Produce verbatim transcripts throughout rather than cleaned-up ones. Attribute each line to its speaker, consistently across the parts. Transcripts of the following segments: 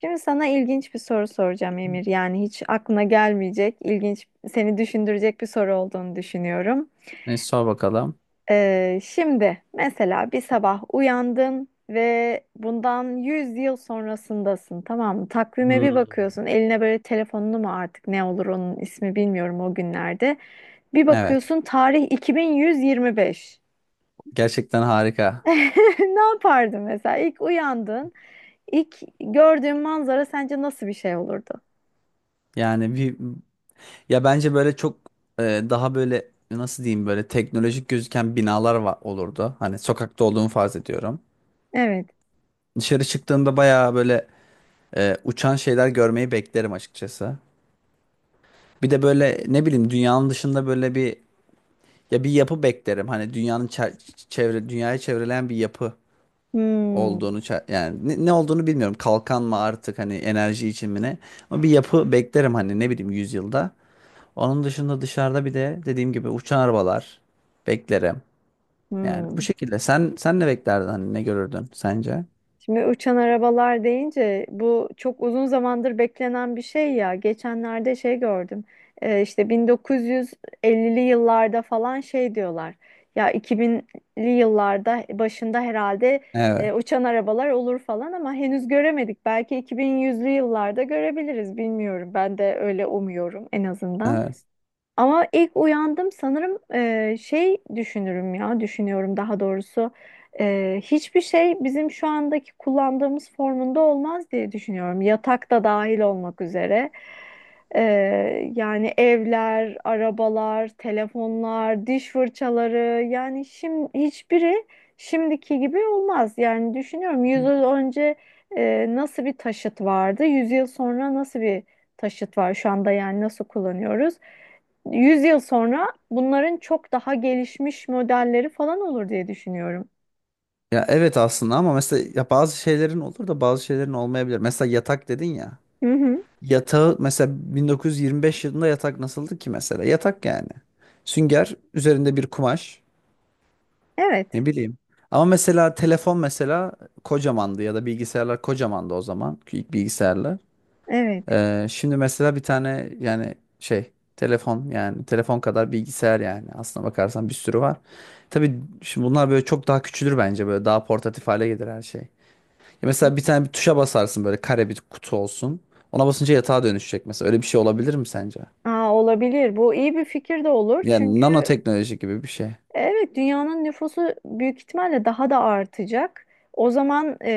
Speaker 1: Şimdi sana ilginç bir soru soracağım Emir. Yani hiç aklına gelmeyecek, ilginç, seni düşündürecek bir soru olduğunu düşünüyorum.
Speaker 2: E, sor bakalım.
Speaker 1: Ee, şimdi mesela bir sabah uyandın ve bundan yüz yıl sonrasındasın, tamam mı? Takvime bir bakıyorsun, eline böyle telefonunu mu artık ne olur onun ismi bilmiyorum o günlerde. Bir
Speaker 2: Evet.
Speaker 1: bakıyorsun tarih iki bin yüz yirmi beş.
Speaker 2: Gerçekten harika.
Speaker 1: Ne yapardın mesela? İlk uyandın, ilk gördüğün manzara sence nasıl bir şey olurdu?
Speaker 2: Yani bir ya bence böyle çok e, daha böyle nasıl diyeyim böyle teknolojik gözüken binalar var olurdu. Hani sokakta olduğumu farz ediyorum.
Speaker 1: Evet.
Speaker 2: Dışarı çıktığımda bayağı böyle e, uçan şeyler görmeyi beklerim açıkçası. Bir de böyle ne bileyim dünyanın dışında böyle bir ya bir yapı beklerim. Hani dünyanın çer- çevre dünyayı çevreleyen bir yapı.
Speaker 1: Hmm,
Speaker 2: olduğunu ça- yani ne, ne olduğunu bilmiyorum. Kalkan mı artık hani enerji için mi ne? Ama bir yapı beklerim hani ne bileyim yüzyılda. Onun dışında dışarıda bir de dediğim gibi uçan arabalar beklerim. Yani bu
Speaker 1: hmm.
Speaker 2: şekilde. Sen sen ne beklerdin hani ne görürdün sence?
Speaker 1: Şimdi uçan arabalar deyince bu çok uzun zamandır beklenen bir şey ya. Geçenlerde şey gördüm. Ee, işte bin dokuz yüz ellili yıllarda falan şey diyorlar. Ya iki binli yıllarda başında herhalde e,
Speaker 2: Evet.
Speaker 1: uçan arabalar olur falan ama henüz göremedik. Belki iki bin yüzlü yıllarda görebiliriz bilmiyorum. Ben de öyle umuyorum en azından.
Speaker 2: Evet.
Speaker 1: Ama ilk uyandım sanırım e, şey düşünürüm ya düşünüyorum daha doğrusu. E, hiçbir şey bizim şu andaki kullandığımız formunda olmaz diye düşünüyorum yatak da dahil olmak üzere. E, Yani evler, arabalar, telefonlar, diş fırçaları yani şimdi hiçbiri şimdiki gibi olmaz yani düşünüyorum yüz yıl önce e, nasıl bir taşıt vardı yüz yıl sonra nasıl bir taşıt var şu anda yani nasıl kullanıyoruz? yüz yıl sonra bunların çok daha gelişmiş modelleri falan olur diye düşünüyorum.
Speaker 2: Ya evet aslında ama mesela ya bazı şeylerin olur da bazı şeylerin olmayabilir. Mesela yatak dedin ya.
Speaker 1: Hı hı.
Speaker 2: Yatağı mesela bin dokuz yüz yirmi beş yılında yatak nasıldı ki mesela? Yatak yani. Sünger üzerinde bir kumaş.
Speaker 1: Evet,
Speaker 2: Ne bileyim. Ama mesela telefon mesela kocamandı ya da bilgisayarlar kocamandı o zaman. İlk bilgisayarlar.
Speaker 1: evet.
Speaker 2: Ee, şimdi mesela bir tane yani şey telefon yani telefon kadar bilgisayar yani aslına bakarsan bir sürü var. Tabii şimdi bunlar böyle çok daha küçülür bence böyle daha portatif hale gelir her şey. Ya mesela bir tane bir tuşa basarsın böyle kare bir kutu olsun. Ona basınca yatağa dönüşecek mesela. Öyle bir şey olabilir mi sence?
Speaker 1: Aa, olabilir. Bu iyi bir fikir de olur.
Speaker 2: Yani
Speaker 1: Çünkü
Speaker 2: nanoteknoloji gibi bir şey.
Speaker 1: evet, dünyanın nüfusu büyük ihtimalle daha da artacak. O zaman e,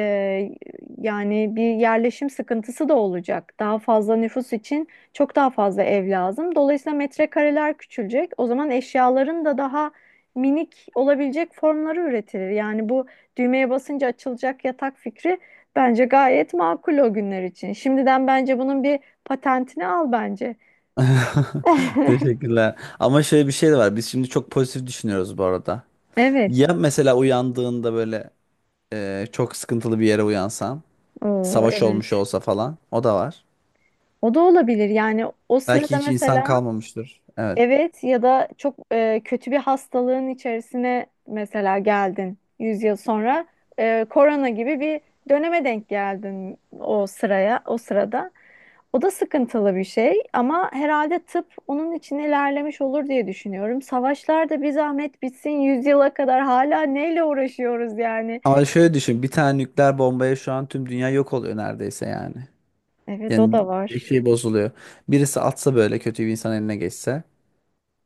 Speaker 1: yani bir yerleşim sıkıntısı da olacak. Daha fazla nüfus için çok daha fazla ev lazım. Dolayısıyla metrekareler küçülecek. O zaman eşyaların da daha minik olabilecek formları üretilir. Yani bu düğmeye basınca açılacak yatak fikri bence gayet makul o günler için. Şimdiden bence bunun bir patentini al bence.
Speaker 2: Teşekkürler. Ama şöyle bir şey de var. Biz şimdi çok pozitif düşünüyoruz bu arada.
Speaker 1: Evet.
Speaker 2: Ya mesela uyandığında böyle e, çok sıkıntılı bir yere uyansan,
Speaker 1: Oo,
Speaker 2: savaş olmuş
Speaker 1: evet.
Speaker 2: olsa falan, o da var.
Speaker 1: O da olabilir yani o
Speaker 2: Belki
Speaker 1: sırada
Speaker 2: hiç insan
Speaker 1: mesela
Speaker 2: kalmamıştır. Evet.
Speaker 1: evet ya da çok e, kötü bir hastalığın içerisine mesela geldin yüz yıl sonra e, korona gibi bir döneme denk geldin o sıraya o sırada. O da sıkıntılı bir şey ama herhalde tıp onun için ilerlemiş olur diye düşünüyorum. Savaşlar da bir zahmet bitsin yüz yıla kadar hala neyle uğraşıyoruz yani.
Speaker 2: Ama şöyle düşün, bir tane nükleer bombaya şu an tüm dünya yok oluyor neredeyse yani.
Speaker 1: Evet, o
Speaker 2: Yani
Speaker 1: da
Speaker 2: bir
Speaker 1: var.
Speaker 2: şey bozuluyor. Birisi atsa böyle kötü bir insan eline geçse,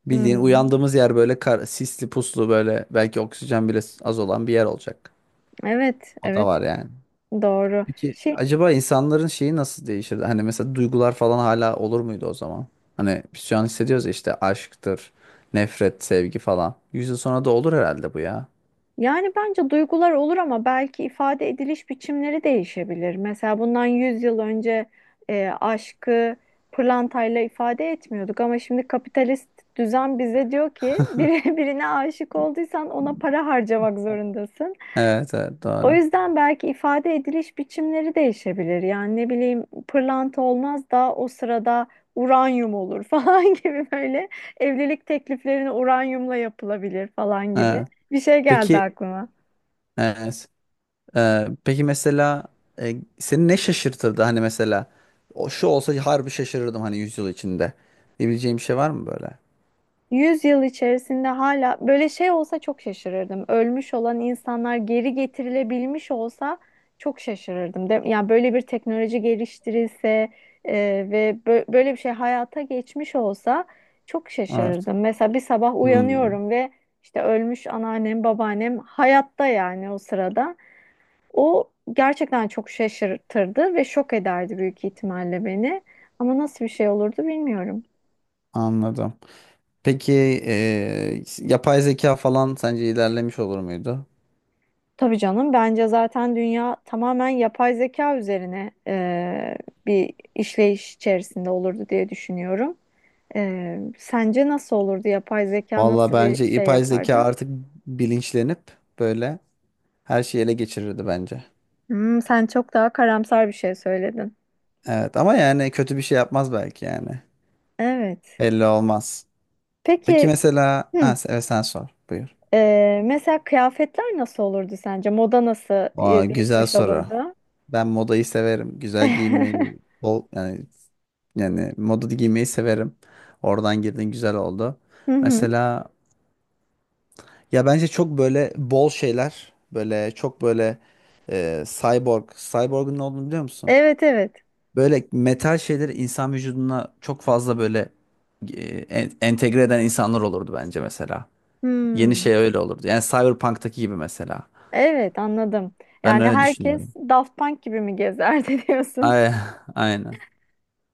Speaker 2: bildiğin
Speaker 1: Hmm.
Speaker 2: uyandığımız yer böyle kar, sisli puslu böyle belki oksijen bile az olan bir yer olacak.
Speaker 1: Evet,
Speaker 2: O da
Speaker 1: evet,
Speaker 2: var yani.
Speaker 1: doğru.
Speaker 2: Peki
Speaker 1: Şey
Speaker 2: acaba insanların şeyi nasıl değişirdi? Hani mesela duygular falan hala olur muydu o zaman? Hani biz şu an hissediyoruz ya işte aşktır, nefret, sevgi falan. Yüz yıl sonra da olur herhalde bu ya.
Speaker 1: Yani bence duygular olur ama belki ifade ediliş biçimleri değişebilir. Mesela bundan yüz yıl önce e, aşkı pırlantayla ifade etmiyorduk ama şimdi kapitalist düzen bize diyor ki biri, birine aşık olduysan ona para harcamak zorundasın.
Speaker 2: Evet, evet
Speaker 1: O
Speaker 2: doğru.
Speaker 1: yüzden belki ifade ediliş biçimleri değişebilir. Yani ne bileyim pırlanta olmaz da o sırada uranyum olur falan gibi böyle evlilik tekliflerini uranyumla yapılabilir falan gibi
Speaker 2: Evet.
Speaker 1: bir şey geldi
Speaker 2: Peki
Speaker 1: aklıma.
Speaker 2: evet. Ee, peki mesela e, seni ne şaşırtırdı? Hani mesela o şu olsa harbi şaşırırdım hani yüz yıl içinde. Diyebileceğim bir şey var mı böyle?
Speaker 1: Yüz yıl içerisinde hala böyle şey olsa çok şaşırırdım. Ölmüş olan insanlar geri getirilebilmiş olsa çok şaşırırdım. De, yani böyle bir teknoloji geliştirilse e, ve bö- böyle bir şey hayata geçmiş olsa çok
Speaker 2: Evet.
Speaker 1: şaşırırdım. Mesela bir sabah
Speaker 2: Hmm,
Speaker 1: uyanıyorum ve işte ölmüş anneannem, babaannem hayatta yani o sırada. O gerçekten çok şaşırtırdı ve şok ederdi büyük ihtimalle beni. Ama nasıl bir şey olurdu bilmiyorum.
Speaker 2: anladım. Peki e, yapay zeka falan sence ilerlemiş olur muydu?
Speaker 1: Tabii canım, bence zaten dünya tamamen yapay zeka üzerine e, bir işleyiş içerisinde olurdu diye düşünüyorum. E, sence nasıl olurdu? Yapay zeka
Speaker 2: Valla
Speaker 1: nasıl bir
Speaker 2: bence
Speaker 1: şey
Speaker 2: yapay zeka
Speaker 1: yapardı?
Speaker 2: artık bilinçlenip böyle her şeyi ele geçirirdi bence.
Speaker 1: Hmm, sen çok daha karamsar bir şey söyledin.
Speaker 2: Evet ama yani kötü bir şey yapmaz belki yani.
Speaker 1: Evet.
Speaker 2: Belli olmaz. Peki
Speaker 1: Peki
Speaker 2: mesela
Speaker 1: hı,
Speaker 2: ha, se- evet sen sor buyur.
Speaker 1: e, mesela kıyafetler nasıl olurdu sence? Moda nasıl e,
Speaker 2: Aa, güzel
Speaker 1: değişmiş
Speaker 2: soru.
Speaker 1: olurdu?
Speaker 2: Ben modayı severim. Güzel giyinmeyi bol yani yani moda giymeyi severim. Oradan girdin güzel oldu.
Speaker 1: Hı hı.
Speaker 2: Mesela ya bence çok böyle bol şeyler böyle çok böyle e, cyborg. Cyborg'un ne olduğunu biliyor musun?
Speaker 1: Evet, evet.
Speaker 2: Böyle metal şeyleri insan vücuduna çok fazla böyle e, en- entegre eden insanlar olurdu bence mesela. Yeni şey
Speaker 1: Hmm.
Speaker 2: öyle olurdu. Yani Cyberpunk'taki gibi mesela.
Speaker 1: Evet, anladım.
Speaker 2: Ben
Speaker 1: Yani
Speaker 2: öyle düşünüyorum.
Speaker 1: herkes Daft Punk gibi mi gezerdi diyorsun?
Speaker 2: Ay, aynen.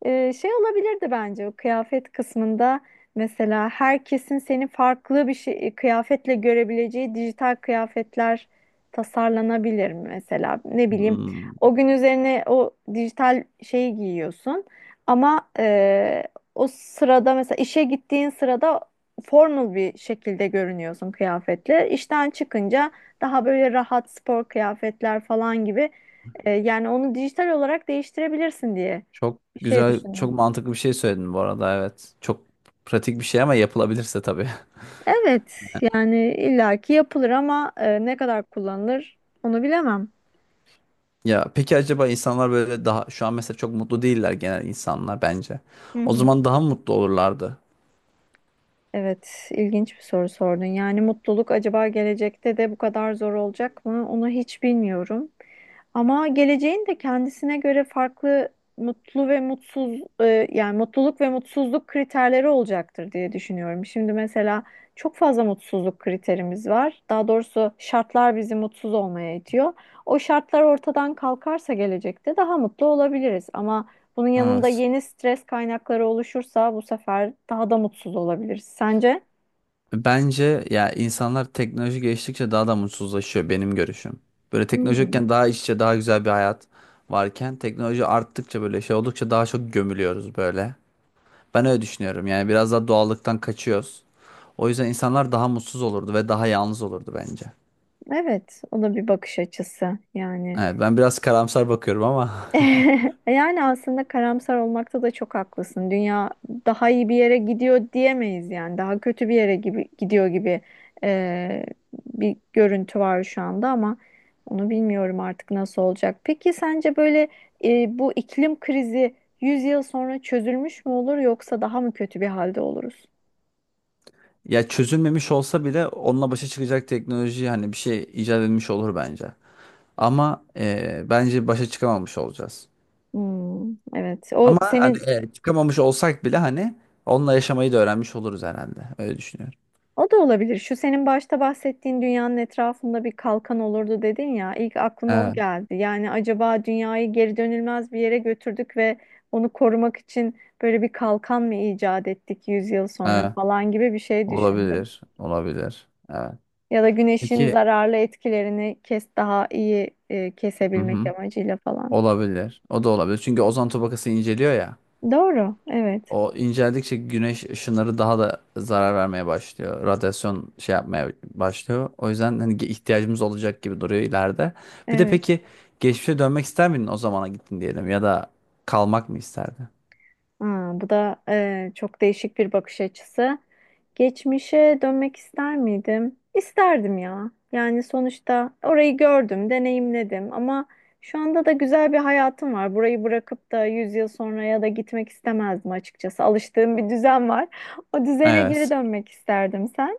Speaker 1: Ee, şey olabilirdi bence o kıyafet kısmında mesela herkesin seni farklı bir şey, kıyafetle görebileceği dijital kıyafetler tasarlanabilir mi mesela ne bileyim
Speaker 2: Hmm.
Speaker 1: o gün üzerine o dijital şeyi giyiyorsun ama e, o sırada mesela işe gittiğin sırada formal bir şekilde görünüyorsun kıyafetle işten çıkınca daha böyle rahat spor kıyafetler falan gibi, e, yani onu dijital olarak değiştirebilirsin diye
Speaker 2: Çok
Speaker 1: bir şey
Speaker 2: güzel, çok
Speaker 1: düşündüm.
Speaker 2: mantıklı bir şey söyledin bu arada evet. Çok pratik bir şey ama yapılabilirse tabii.
Speaker 1: Evet, yani illaki yapılır ama e, ne kadar kullanılır onu bilemem.
Speaker 2: Ya peki acaba insanlar böyle daha şu an mesela çok mutlu değiller genel insanlar bence.
Speaker 1: Hı
Speaker 2: O
Speaker 1: hı.
Speaker 2: zaman daha mı mutlu olurlardı?
Speaker 1: Evet, ilginç bir soru sordun. Yani mutluluk acaba gelecekte de bu kadar zor olacak mı? Onu hiç bilmiyorum. Ama geleceğin de kendisine göre farklı mutlu ve mutsuz, e, yani mutluluk ve mutsuzluk kriterleri olacaktır diye düşünüyorum. Şimdi mesela çok fazla mutsuzluk kriterimiz var. Daha doğrusu şartlar bizi mutsuz olmaya itiyor. O şartlar ortadan kalkarsa gelecekte daha mutlu olabiliriz. Ama bunun yanında
Speaker 2: Evet.
Speaker 1: yeni stres kaynakları oluşursa bu sefer daha da mutsuz olabiliriz. Sence?
Speaker 2: Bence ya insanlar teknoloji geliştikçe daha da mutsuzlaşıyor benim görüşüm. Böyle teknoloji
Speaker 1: Hmm,
Speaker 2: yokken daha iç içe daha güzel bir hayat varken teknoloji arttıkça böyle şey oldukça daha çok gömülüyoruz böyle. Ben öyle düşünüyorum yani biraz daha doğallıktan kaçıyoruz. O yüzden insanlar daha mutsuz olurdu ve daha yalnız olurdu bence.
Speaker 1: evet. O da bir bakış açısı yani.
Speaker 2: Evet, ben biraz karamsar bakıyorum ama.
Speaker 1: Yani aslında karamsar olmakta da çok haklısın. Dünya daha iyi bir yere gidiyor diyemeyiz yani. Daha kötü bir yere gibi gidiyor gibi eee, bir görüntü var şu anda ama onu bilmiyorum artık nasıl olacak. Peki sence böyle eee, bu iklim krizi yüz yıl sonra çözülmüş mü olur yoksa daha mı kötü bir halde oluruz?
Speaker 2: Ya çözülmemiş olsa bile onunla başa çıkacak teknoloji hani bir şey icat edilmiş olur bence. Ama eee, bence başa çıkamamış olacağız.
Speaker 1: Hmm, evet. O
Speaker 2: Ama hani
Speaker 1: senin
Speaker 2: e, çıkamamış olsak bile hani onunla yaşamayı da öğrenmiş oluruz herhalde. Öyle düşünüyorum.
Speaker 1: o da olabilir. Şu senin başta bahsettiğin dünyanın etrafında bir kalkan olurdu dedin ya. İlk aklıma o
Speaker 2: Evet,
Speaker 1: geldi. Yani acaba dünyayı geri dönülmez bir yere götürdük ve onu korumak için böyle bir kalkan mı icat ettik yüz yıl sonra
Speaker 2: evet.
Speaker 1: falan gibi bir şey düşündüm.
Speaker 2: Olabilir, olabilir. Evet.
Speaker 1: Ya da güneşin
Speaker 2: Peki,
Speaker 1: zararlı etkilerini kes daha iyi e,
Speaker 2: hı
Speaker 1: kesebilmek
Speaker 2: hı.
Speaker 1: amacıyla falan.
Speaker 2: Olabilir. O da olabilir. Çünkü ozon tabakası inceliyor ya.
Speaker 1: Doğru. Evet.
Speaker 2: O inceldikçe güneş ışınları daha da zarar vermeye başlıyor. Radyasyon şey yapmaya başlıyor. O yüzden hani ge- ihtiyacımız olacak gibi duruyor ileride. Bir de
Speaker 1: Evet.
Speaker 2: peki geçmişe dönmek ister miydin o zamana gittin diyelim ya da kalmak mı isterdin?
Speaker 1: Aa, bu da e, çok değişik bir bakış açısı. Geçmişe dönmek ister miydim? İsterdim ya. Yani sonuçta orayı gördüm, deneyimledim ama şu anda da güzel bir hayatım var. Burayı bırakıp da yüz yıl sonraya da gitmek istemezdim açıkçası. Alıştığım bir düzen var. O düzene geri
Speaker 2: Evet.
Speaker 1: dönmek isterdim sen.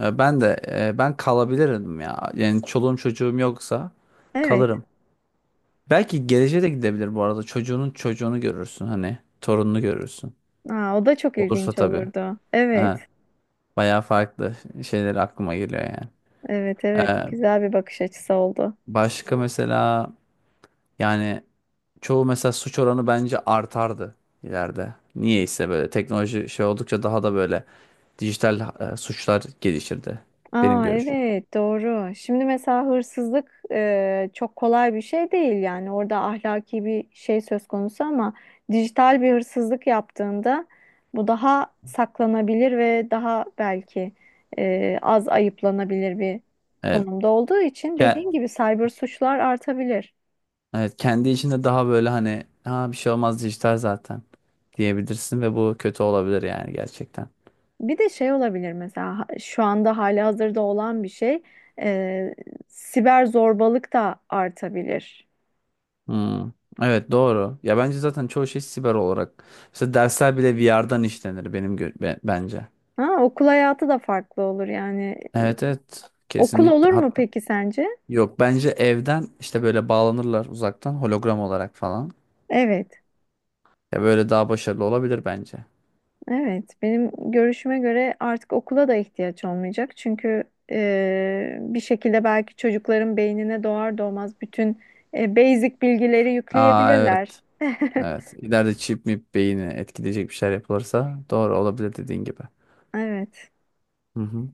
Speaker 2: E, Ben de e, ben kalabilirim ya. Yani çoluğum çocuğum yoksa
Speaker 1: Evet.
Speaker 2: kalırım. Belki geleceğe de gidebilir bu arada. Çocuğunun çocuğunu görürsün hani. Torununu görürsün.
Speaker 1: Aa, o da çok
Speaker 2: Olursa
Speaker 1: ilginç
Speaker 2: tabii.
Speaker 1: olurdu. Evet.
Speaker 2: Ha, bayağı farklı şeyler aklıma geliyor yani.
Speaker 1: Evet, evet.
Speaker 2: E,
Speaker 1: Güzel bir bakış açısı oldu.
Speaker 2: Başka mesela yani çoğu mesela suç oranı bence artardı ileride. Niyeyse böyle teknoloji şey oldukça daha da böyle dijital e, suçlar gelişirdi. Benim
Speaker 1: Aa,
Speaker 2: görüşüm.
Speaker 1: evet, doğru. Şimdi mesela hırsızlık e, çok kolay bir şey değil yani orada ahlaki bir şey söz konusu ama dijital bir hırsızlık yaptığında bu daha saklanabilir ve daha belki e, az ayıplanabilir bir
Speaker 2: Evet.
Speaker 1: konumda olduğu için
Speaker 2: Ke-
Speaker 1: dediğin gibi cyber suçlar artabilir.
Speaker 2: Evet, kendi içinde daha böyle hani ha bir şey olmaz dijital zaten diyebilirsin ve bu kötü olabilir yani gerçekten.
Speaker 1: Bir de şey olabilir mesela ha- şu anda hali hazırda olan bir şey, e, siber zorbalık da artabilir.
Speaker 2: Hmm. Evet, doğru. Ya bence zaten çoğu şey siber olarak. Mesela dersler bile V R'den işlenir benim gö- be- bence.
Speaker 1: Ha, okul hayatı da farklı olur yani.
Speaker 2: Evet, evet,
Speaker 1: Okul
Speaker 2: kesinlikle.
Speaker 1: olur mu
Speaker 2: Hatta
Speaker 1: peki sence?
Speaker 2: yok bence evden işte böyle bağlanırlar uzaktan hologram olarak falan.
Speaker 1: Evet,
Speaker 2: Ya böyle daha başarılı olabilir bence.
Speaker 1: evet. Benim görüşüme göre artık okula da ihtiyaç olmayacak. Çünkü e, bir şekilde belki çocukların beynine doğar doğmaz bütün e, basic bilgileri
Speaker 2: Aa, evet.
Speaker 1: yükleyebilirler.
Speaker 2: Evet. İleride çip mi beyni etkileyecek bir şeyler yapılırsa doğru olabilir dediğin gibi.
Speaker 1: Evet.
Speaker 2: Hı hı.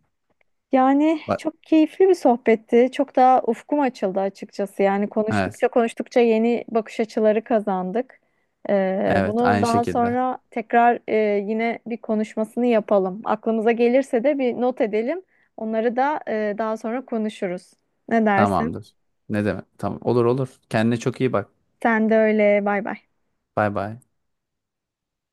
Speaker 1: Yani
Speaker 2: Bak,
Speaker 1: çok keyifli bir sohbetti. Çok daha ufkum açıldı açıkçası. Yani
Speaker 2: evet.
Speaker 1: konuştukça konuştukça yeni bakış açıları kazandık. Ee,
Speaker 2: Evet,
Speaker 1: bunu
Speaker 2: aynı
Speaker 1: daha
Speaker 2: şekilde.
Speaker 1: sonra tekrar e, yine bir konuşmasını yapalım. Aklımıza gelirse de bir not edelim. Onları da e, daha sonra konuşuruz. Ne dersin?
Speaker 2: Tamamdır. Ne demek? Tamam. Olur, olur. Kendine çok iyi bak.
Speaker 1: Sen de öyle. Bay bay.
Speaker 2: Bay bay.